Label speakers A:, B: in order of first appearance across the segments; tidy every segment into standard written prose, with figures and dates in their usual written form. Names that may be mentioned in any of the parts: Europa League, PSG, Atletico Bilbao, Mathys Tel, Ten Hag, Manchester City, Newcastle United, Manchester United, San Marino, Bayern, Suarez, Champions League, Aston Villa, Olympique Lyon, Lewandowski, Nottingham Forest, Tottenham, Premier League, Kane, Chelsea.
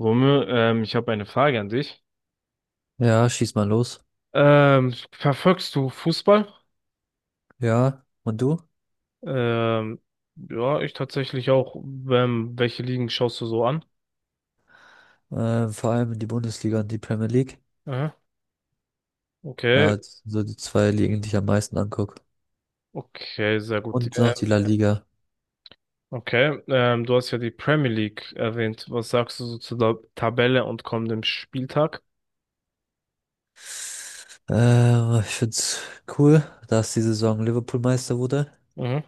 A: Romeo, ich habe eine Frage an dich.
B: Ja, schieß mal los.
A: Verfolgst du Fußball?
B: Ja, und du?
A: Ähm, ja, ich tatsächlich auch. Welche Ligen schaust du so an?
B: Vor allem die Bundesliga und die Premier League.
A: Aha, okay,
B: Ja, das sind so die zwei Ligen, die ich am meisten angucke.
A: okay, sehr gut.
B: Und noch die La Liga.
A: Okay, du hast ja die Premier League erwähnt. Was sagst du so zu der Tabelle und kommendem Spieltag?
B: Ich find's cool, dass die Saison Liverpool Meister wurde,
A: Mhm,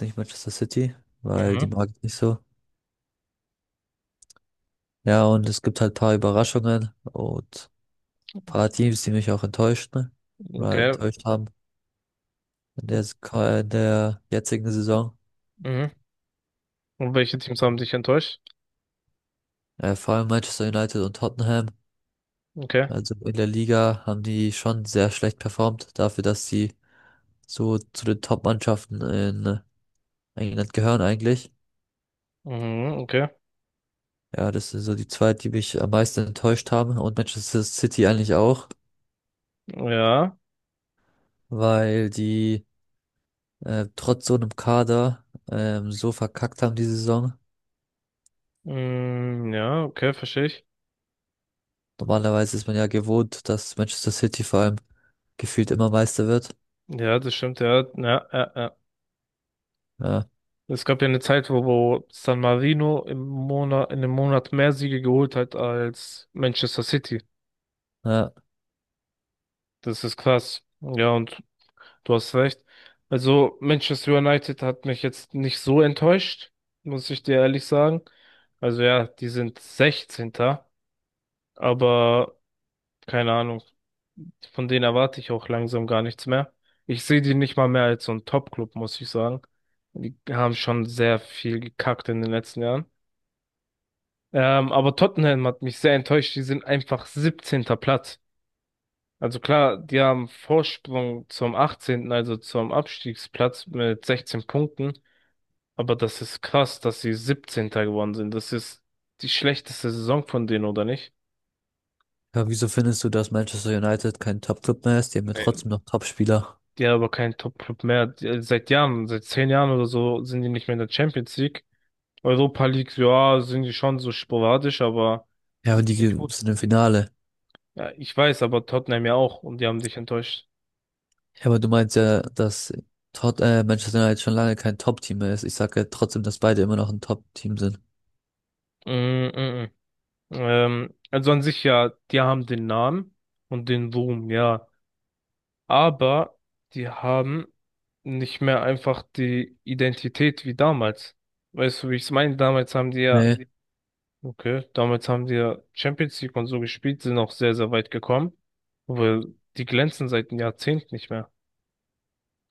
B: nicht Manchester City, weil
A: mhm,
B: die mag ich nicht so. Ja, und es gibt halt paar Überraschungen und paar Teams, die mich auch enttäuscht, ne? Oder
A: okay,
B: enttäuscht haben in der, in der jetzigen Saison.
A: mhm. Und welche Teams haben dich enttäuscht?
B: Vor allem Manchester United und Tottenham.
A: Okay,
B: Also in der Liga haben die schon sehr schlecht performt, dafür, dass sie so zu den Top-Mannschaften in England gehören eigentlich.
A: mhm, okay,
B: Ja, das sind so die zwei, die mich am meisten enttäuscht haben und Manchester City eigentlich auch,
A: ja,
B: weil die trotz so einem Kader so verkackt haben die Saison.
A: mm, ja, okay, verstehe ich.
B: Normalerweise ist man ja gewohnt, dass Manchester City vor allem gefühlt immer Meister wird.
A: Ja, das stimmt, ja, ja, ja, ja.
B: Ja,
A: Es gab ja eine Zeit, wo San Marino im Monat, in einem Monat mehr Siege geholt hat als Manchester City.
B: ja.
A: Das ist krass. Ja, und du hast recht. Also Manchester United hat mich jetzt nicht so enttäuscht, muss ich dir ehrlich sagen. Also ja, die sind 16. Aber keine Ahnung, von denen erwarte ich auch langsam gar nichts mehr. Ich sehe die nicht mal mehr als so ein Top-Club, muss ich sagen. Die haben schon sehr viel gekackt in den letzten Jahren. Aber Tottenham hat mich sehr enttäuscht. Die sind einfach 17. Platz. Also klar, die haben Vorsprung zum 18., also zum Abstiegsplatz mit 16 Punkten. Aber das ist krass, dass sie 17. geworden sind. Das ist die schlechteste Saison von denen, oder nicht?
B: Ja, wieso findest du, dass Manchester United kein Top-Club mehr ist? Die haben ja
A: Nein.
B: trotzdem noch Top-Spieler.
A: Die haben aber keinen Top-Club mehr. Die, seit Jahren, seit 10 Jahren oder so, sind die nicht mehr in der Champions League. Europa League, ja, sind die schon so sporadisch, aber
B: Ja,
A: die
B: und die
A: sind nicht gut.
B: sind im Finale.
A: Ja, ich weiß, aber Tottenham ja auch und die haben dich enttäuscht.
B: Ja, aber du meinst ja, dass Tot Manchester United schon lange kein Top-Team mehr ist. Ich sage ja trotzdem, dass beide immer noch ein Top-Team sind.
A: Mm, mm, mm. Also an sich ja, die haben den Namen und den Ruhm, ja. Aber die haben nicht mehr einfach die Identität wie damals. Weißt du, wie ich es meine? Damals haben die ja,
B: Nee.
A: okay, damals haben die ja Champions League und so gespielt, sind auch sehr, sehr weit gekommen. Weil die glänzen seit einem Jahrzehnt nicht mehr.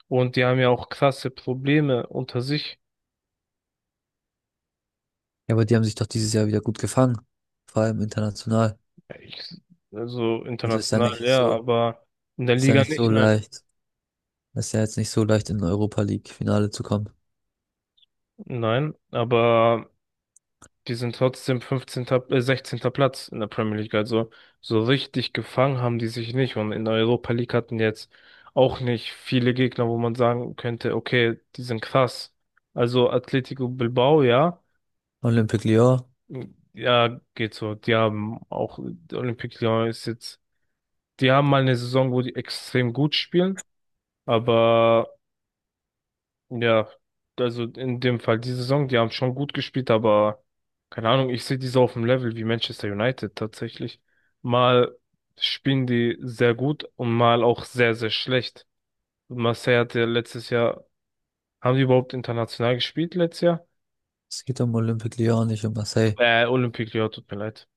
A: Und die haben ja auch krasse Probleme unter sich.
B: Ja, aber die haben sich doch dieses Jahr wieder gut gefangen. Vor allem international.
A: Ich, also
B: Also
A: international, ja, aber in der
B: ist ja
A: Liga
B: nicht so
A: nicht, nein.
B: leicht. Ist ja jetzt nicht so leicht, in Europa League-Finale zu kommen.
A: Nein, aber die sind trotzdem 15., 16. Platz in der Premier League. Also so richtig gefangen haben die sich nicht. Und in der Europa League hatten jetzt auch nicht viele Gegner, wo man sagen könnte, okay, die sind krass. Also Atletico Bilbao, ja.
B: Olympique Lyon.
A: Ja, geht so. Die haben auch, Olympique Lyon ist jetzt, die haben mal eine Saison, wo die extrem gut spielen. Aber ja, also in dem Fall die Saison, die haben schon gut gespielt, aber keine Ahnung, ich sehe die so auf dem Level wie Manchester United tatsächlich. Mal spielen die sehr gut und mal auch sehr, sehr schlecht. Marseille hat ja letztes Jahr, haben die überhaupt international gespielt letztes Jahr?
B: Es geht um Olympique Lyon, nicht um Marseille.
A: Olympique Lyon, tut mir leid.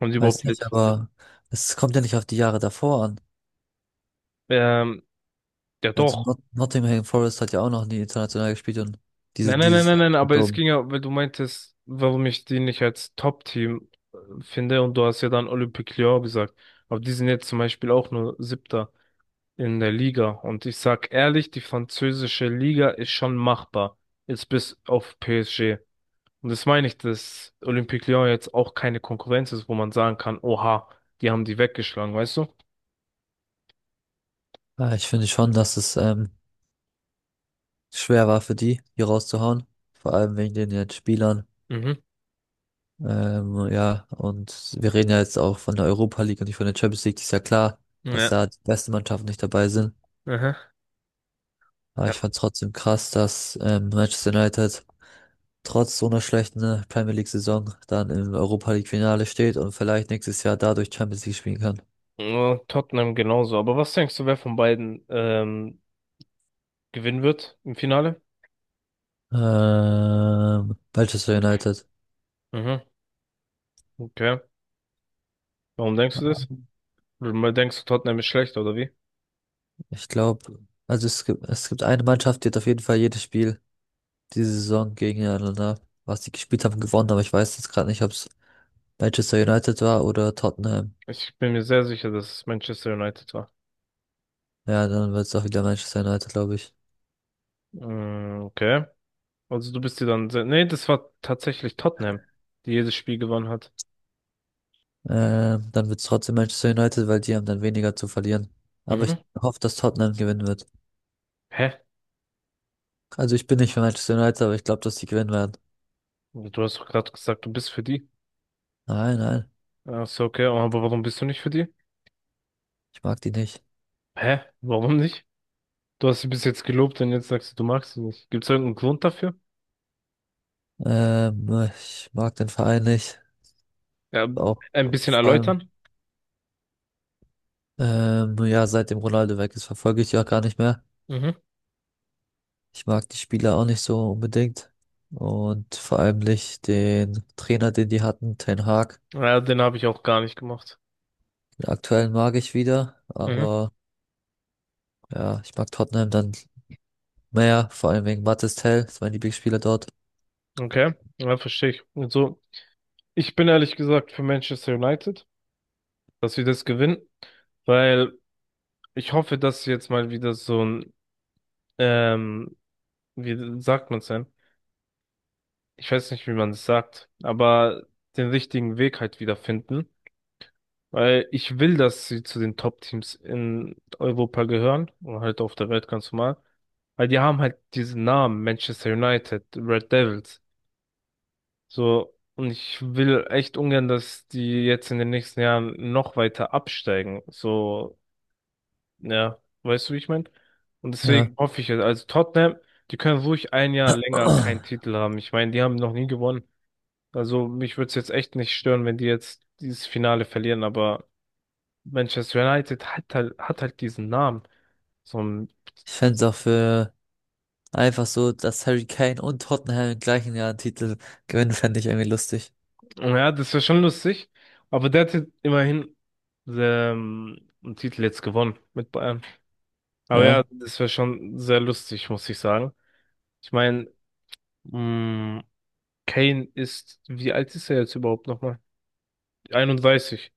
A: Haben die
B: Weiß
A: überhaupt
B: nicht,
A: letztes,
B: aber es kommt ja nicht auf die Jahre davor an.
A: ähm, ja
B: Also
A: doch.
B: Not Nottingham Forest hat ja auch noch nie international gespielt und
A: Nein, nein, nein,
B: dieses
A: nein,
B: Jahr
A: nein,
B: kommt
A: aber es
B: um.
A: ging ja, weil du meintest, warum ich die nicht als Top-Team finde und du hast ja dann Olympique Lyon gesagt. Aber die sind jetzt zum Beispiel auch nur Siebter in der Liga. Und ich sag ehrlich, die französische Liga ist schon machbar. Jetzt bis auf PSG. Und das meine ich, dass Olympique Lyon jetzt auch keine Konkurrenz ist, wo man sagen kann, oha, die haben die weggeschlagen, weißt du?
B: Ja, ich finde schon, dass es schwer war für die, hier rauszuhauen. Vor allem wegen den jetzt Spielern.
A: Mhm.
B: Ja, und wir reden ja jetzt auch von der Europa League und nicht von der Champions League. Ist ja klar, dass
A: Ja.
B: da die besten Mannschaften nicht dabei sind.
A: Aha.
B: Aber
A: Ja.
B: ich fand trotzdem krass, dass Manchester United trotz so einer schlechten Premier League-Saison dann im Europa League-Finale steht und vielleicht nächstes Jahr dadurch Champions League spielen kann.
A: Ja, Tottenham genauso. Aber was denkst du, wer von beiden gewinnen wird im Finale?
B: Manchester United.
A: Mhm, okay. Warum denkst du das? Weil denkst du, Tottenham ist schlecht, oder wie?
B: Ich glaube, also es gibt eine Mannschaft, die hat auf jeden Fall jedes Spiel diese Saison gegeneinander, was die gespielt haben, gewonnen, aber ich weiß jetzt gerade nicht, ob es Manchester United war oder Tottenham.
A: Ich bin mir sehr sicher, dass es Manchester United war.
B: Ja, dann wird es auch wieder Manchester United, glaube ich.
A: Mm, okay. Also du bist dir dann sehr... Nee, das war tatsächlich Tottenham, die jedes Spiel gewonnen hat.
B: Dann wird es trotzdem Manchester United, weil die haben dann weniger zu verlieren. Aber ich
A: Mhm.
B: hoffe, dass Tottenham gewinnen wird.
A: Hä?
B: Also ich bin nicht für Manchester United, aber ich glaube, dass die gewinnen werden.
A: Du hast doch gerade gesagt, du bist für die.
B: Nein, nein,
A: Ach so, okay. Aber warum bist du nicht für die?
B: ich mag die nicht.
A: Hä? Warum nicht? Du hast sie bis jetzt gelobt und jetzt sagst du, du magst sie nicht. Gibt es irgendeinen Grund dafür?
B: Ich mag den Verein nicht.
A: Ja,
B: Auch
A: ein bisschen
B: vor allem,
A: erläutern?
B: ja, seitdem Ronaldo weg ist, verfolge ich die auch gar nicht mehr.
A: Mhm.
B: Ich mag die Spieler auch nicht so unbedingt. Und vor allem nicht den Trainer, den die hatten, Ten Hag.
A: Ja, den habe ich auch gar nicht gemacht.
B: Den aktuellen mag ich wieder,
A: Mhm.
B: aber ja, ich mag Tottenham dann mehr, vor allem wegen Mathys Tel, ist mein Lieblingsspieler dort.
A: Okay. Ja, verstehe ich. Und so. Ich bin ehrlich gesagt für Manchester United, dass wir das gewinnen, weil ich hoffe, dass jetzt mal wieder so ein, ähm, wie sagt man's denn? Ich weiß nicht, wie man es sagt, aber den richtigen Weg halt wieder finden, weil ich will, dass sie zu den Top-Teams in Europa gehören und halt auf der Welt ganz normal, weil die haben halt diesen Namen Manchester United, Red Devils, so. Und ich will echt ungern, dass die jetzt in den nächsten Jahren noch weiter absteigen. So, ja, weißt du, wie ich meine? Und deswegen
B: Ja.
A: hoffe ich, also Tottenham, die können ruhig ein Jahr länger keinen Titel haben. Ich meine, die haben noch nie gewonnen. Also mich würde es jetzt echt nicht stören, wenn die jetzt dieses Finale verlieren, aber Manchester United hat halt diesen Namen. So ein,
B: Ich fände es auch für einfach so, dass Harry Kane und Tottenham im gleichen Jahr einen Titel gewinnen, fände ich irgendwie lustig.
A: ja, das wäre schon lustig, aber der hat jetzt immerhin einen Titel jetzt gewonnen mit Bayern. Aber ja,
B: Ja,
A: das wäre schon sehr lustig, muss ich sagen. Ich meine, Kane ist, wie alt ist er jetzt überhaupt nochmal? 31.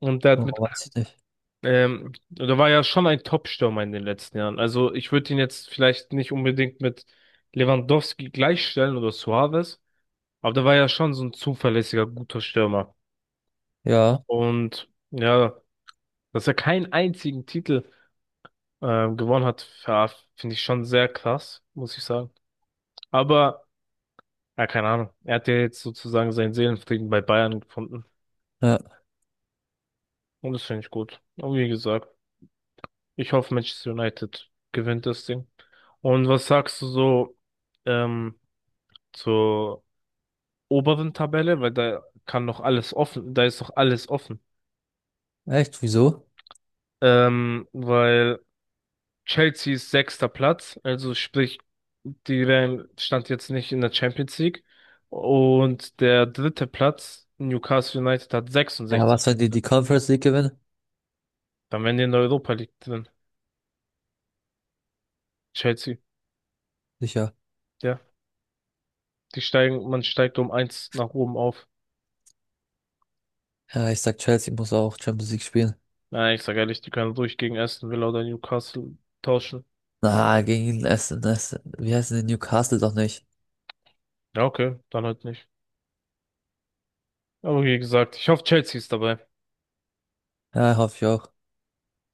A: Und der hat
B: oh,
A: mit,
B: weiß ich nicht.
A: der war ja schon ein Top-Stürmer in den letzten Jahren. Also ich würde ihn jetzt vielleicht nicht unbedingt mit Lewandowski gleichstellen oder Suarez, aber der war ja schon so ein zuverlässiger, guter Stürmer.
B: Ja,
A: Und ja, dass er keinen einzigen Titel gewonnen hat, ja, finde ich schon sehr krass, muss ich sagen. Aber, ja, keine Ahnung. Er hat ja jetzt sozusagen seinen Seelenfrieden bei Bayern gefunden.
B: ja.
A: Und das finde ich gut. Und wie gesagt. Ich hoffe, Manchester United gewinnt das Ding. Und was sagst du so ähm, zur oberen Tabelle? Weil da kann noch alles offen, da ist noch alles offen.
B: Echt, wieso?
A: Weil Chelsea ist sechster Platz, also sprich, die wären, stand jetzt nicht in der Champions League. Und der dritte Platz, Newcastle United, hat
B: Ja, was,
A: 66
B: wenn die die
A: Punkte.
B: Conference League gewinnen?
A: Dann wären die in der Europa League drin. Chelsea,
B: Sicher.
A: ja. Die steigen, man steigt um eins nach oben auf.
B: Ja, ich sag, Chelsea muss auch Champions League spielen.
A: Nein, ich sag ehrlich, die können ruhig gegen Aston Villa oder Newcastle tauschen.
B: Na, gegen Essen, Essen. Wie heißen die Newcastle doch nicht?
A: Ja, okay, dann halt nicht. Aber wie gesagt, ich hoffe, Chelsea ist dabei.
B: Ja, hoffe ich auch.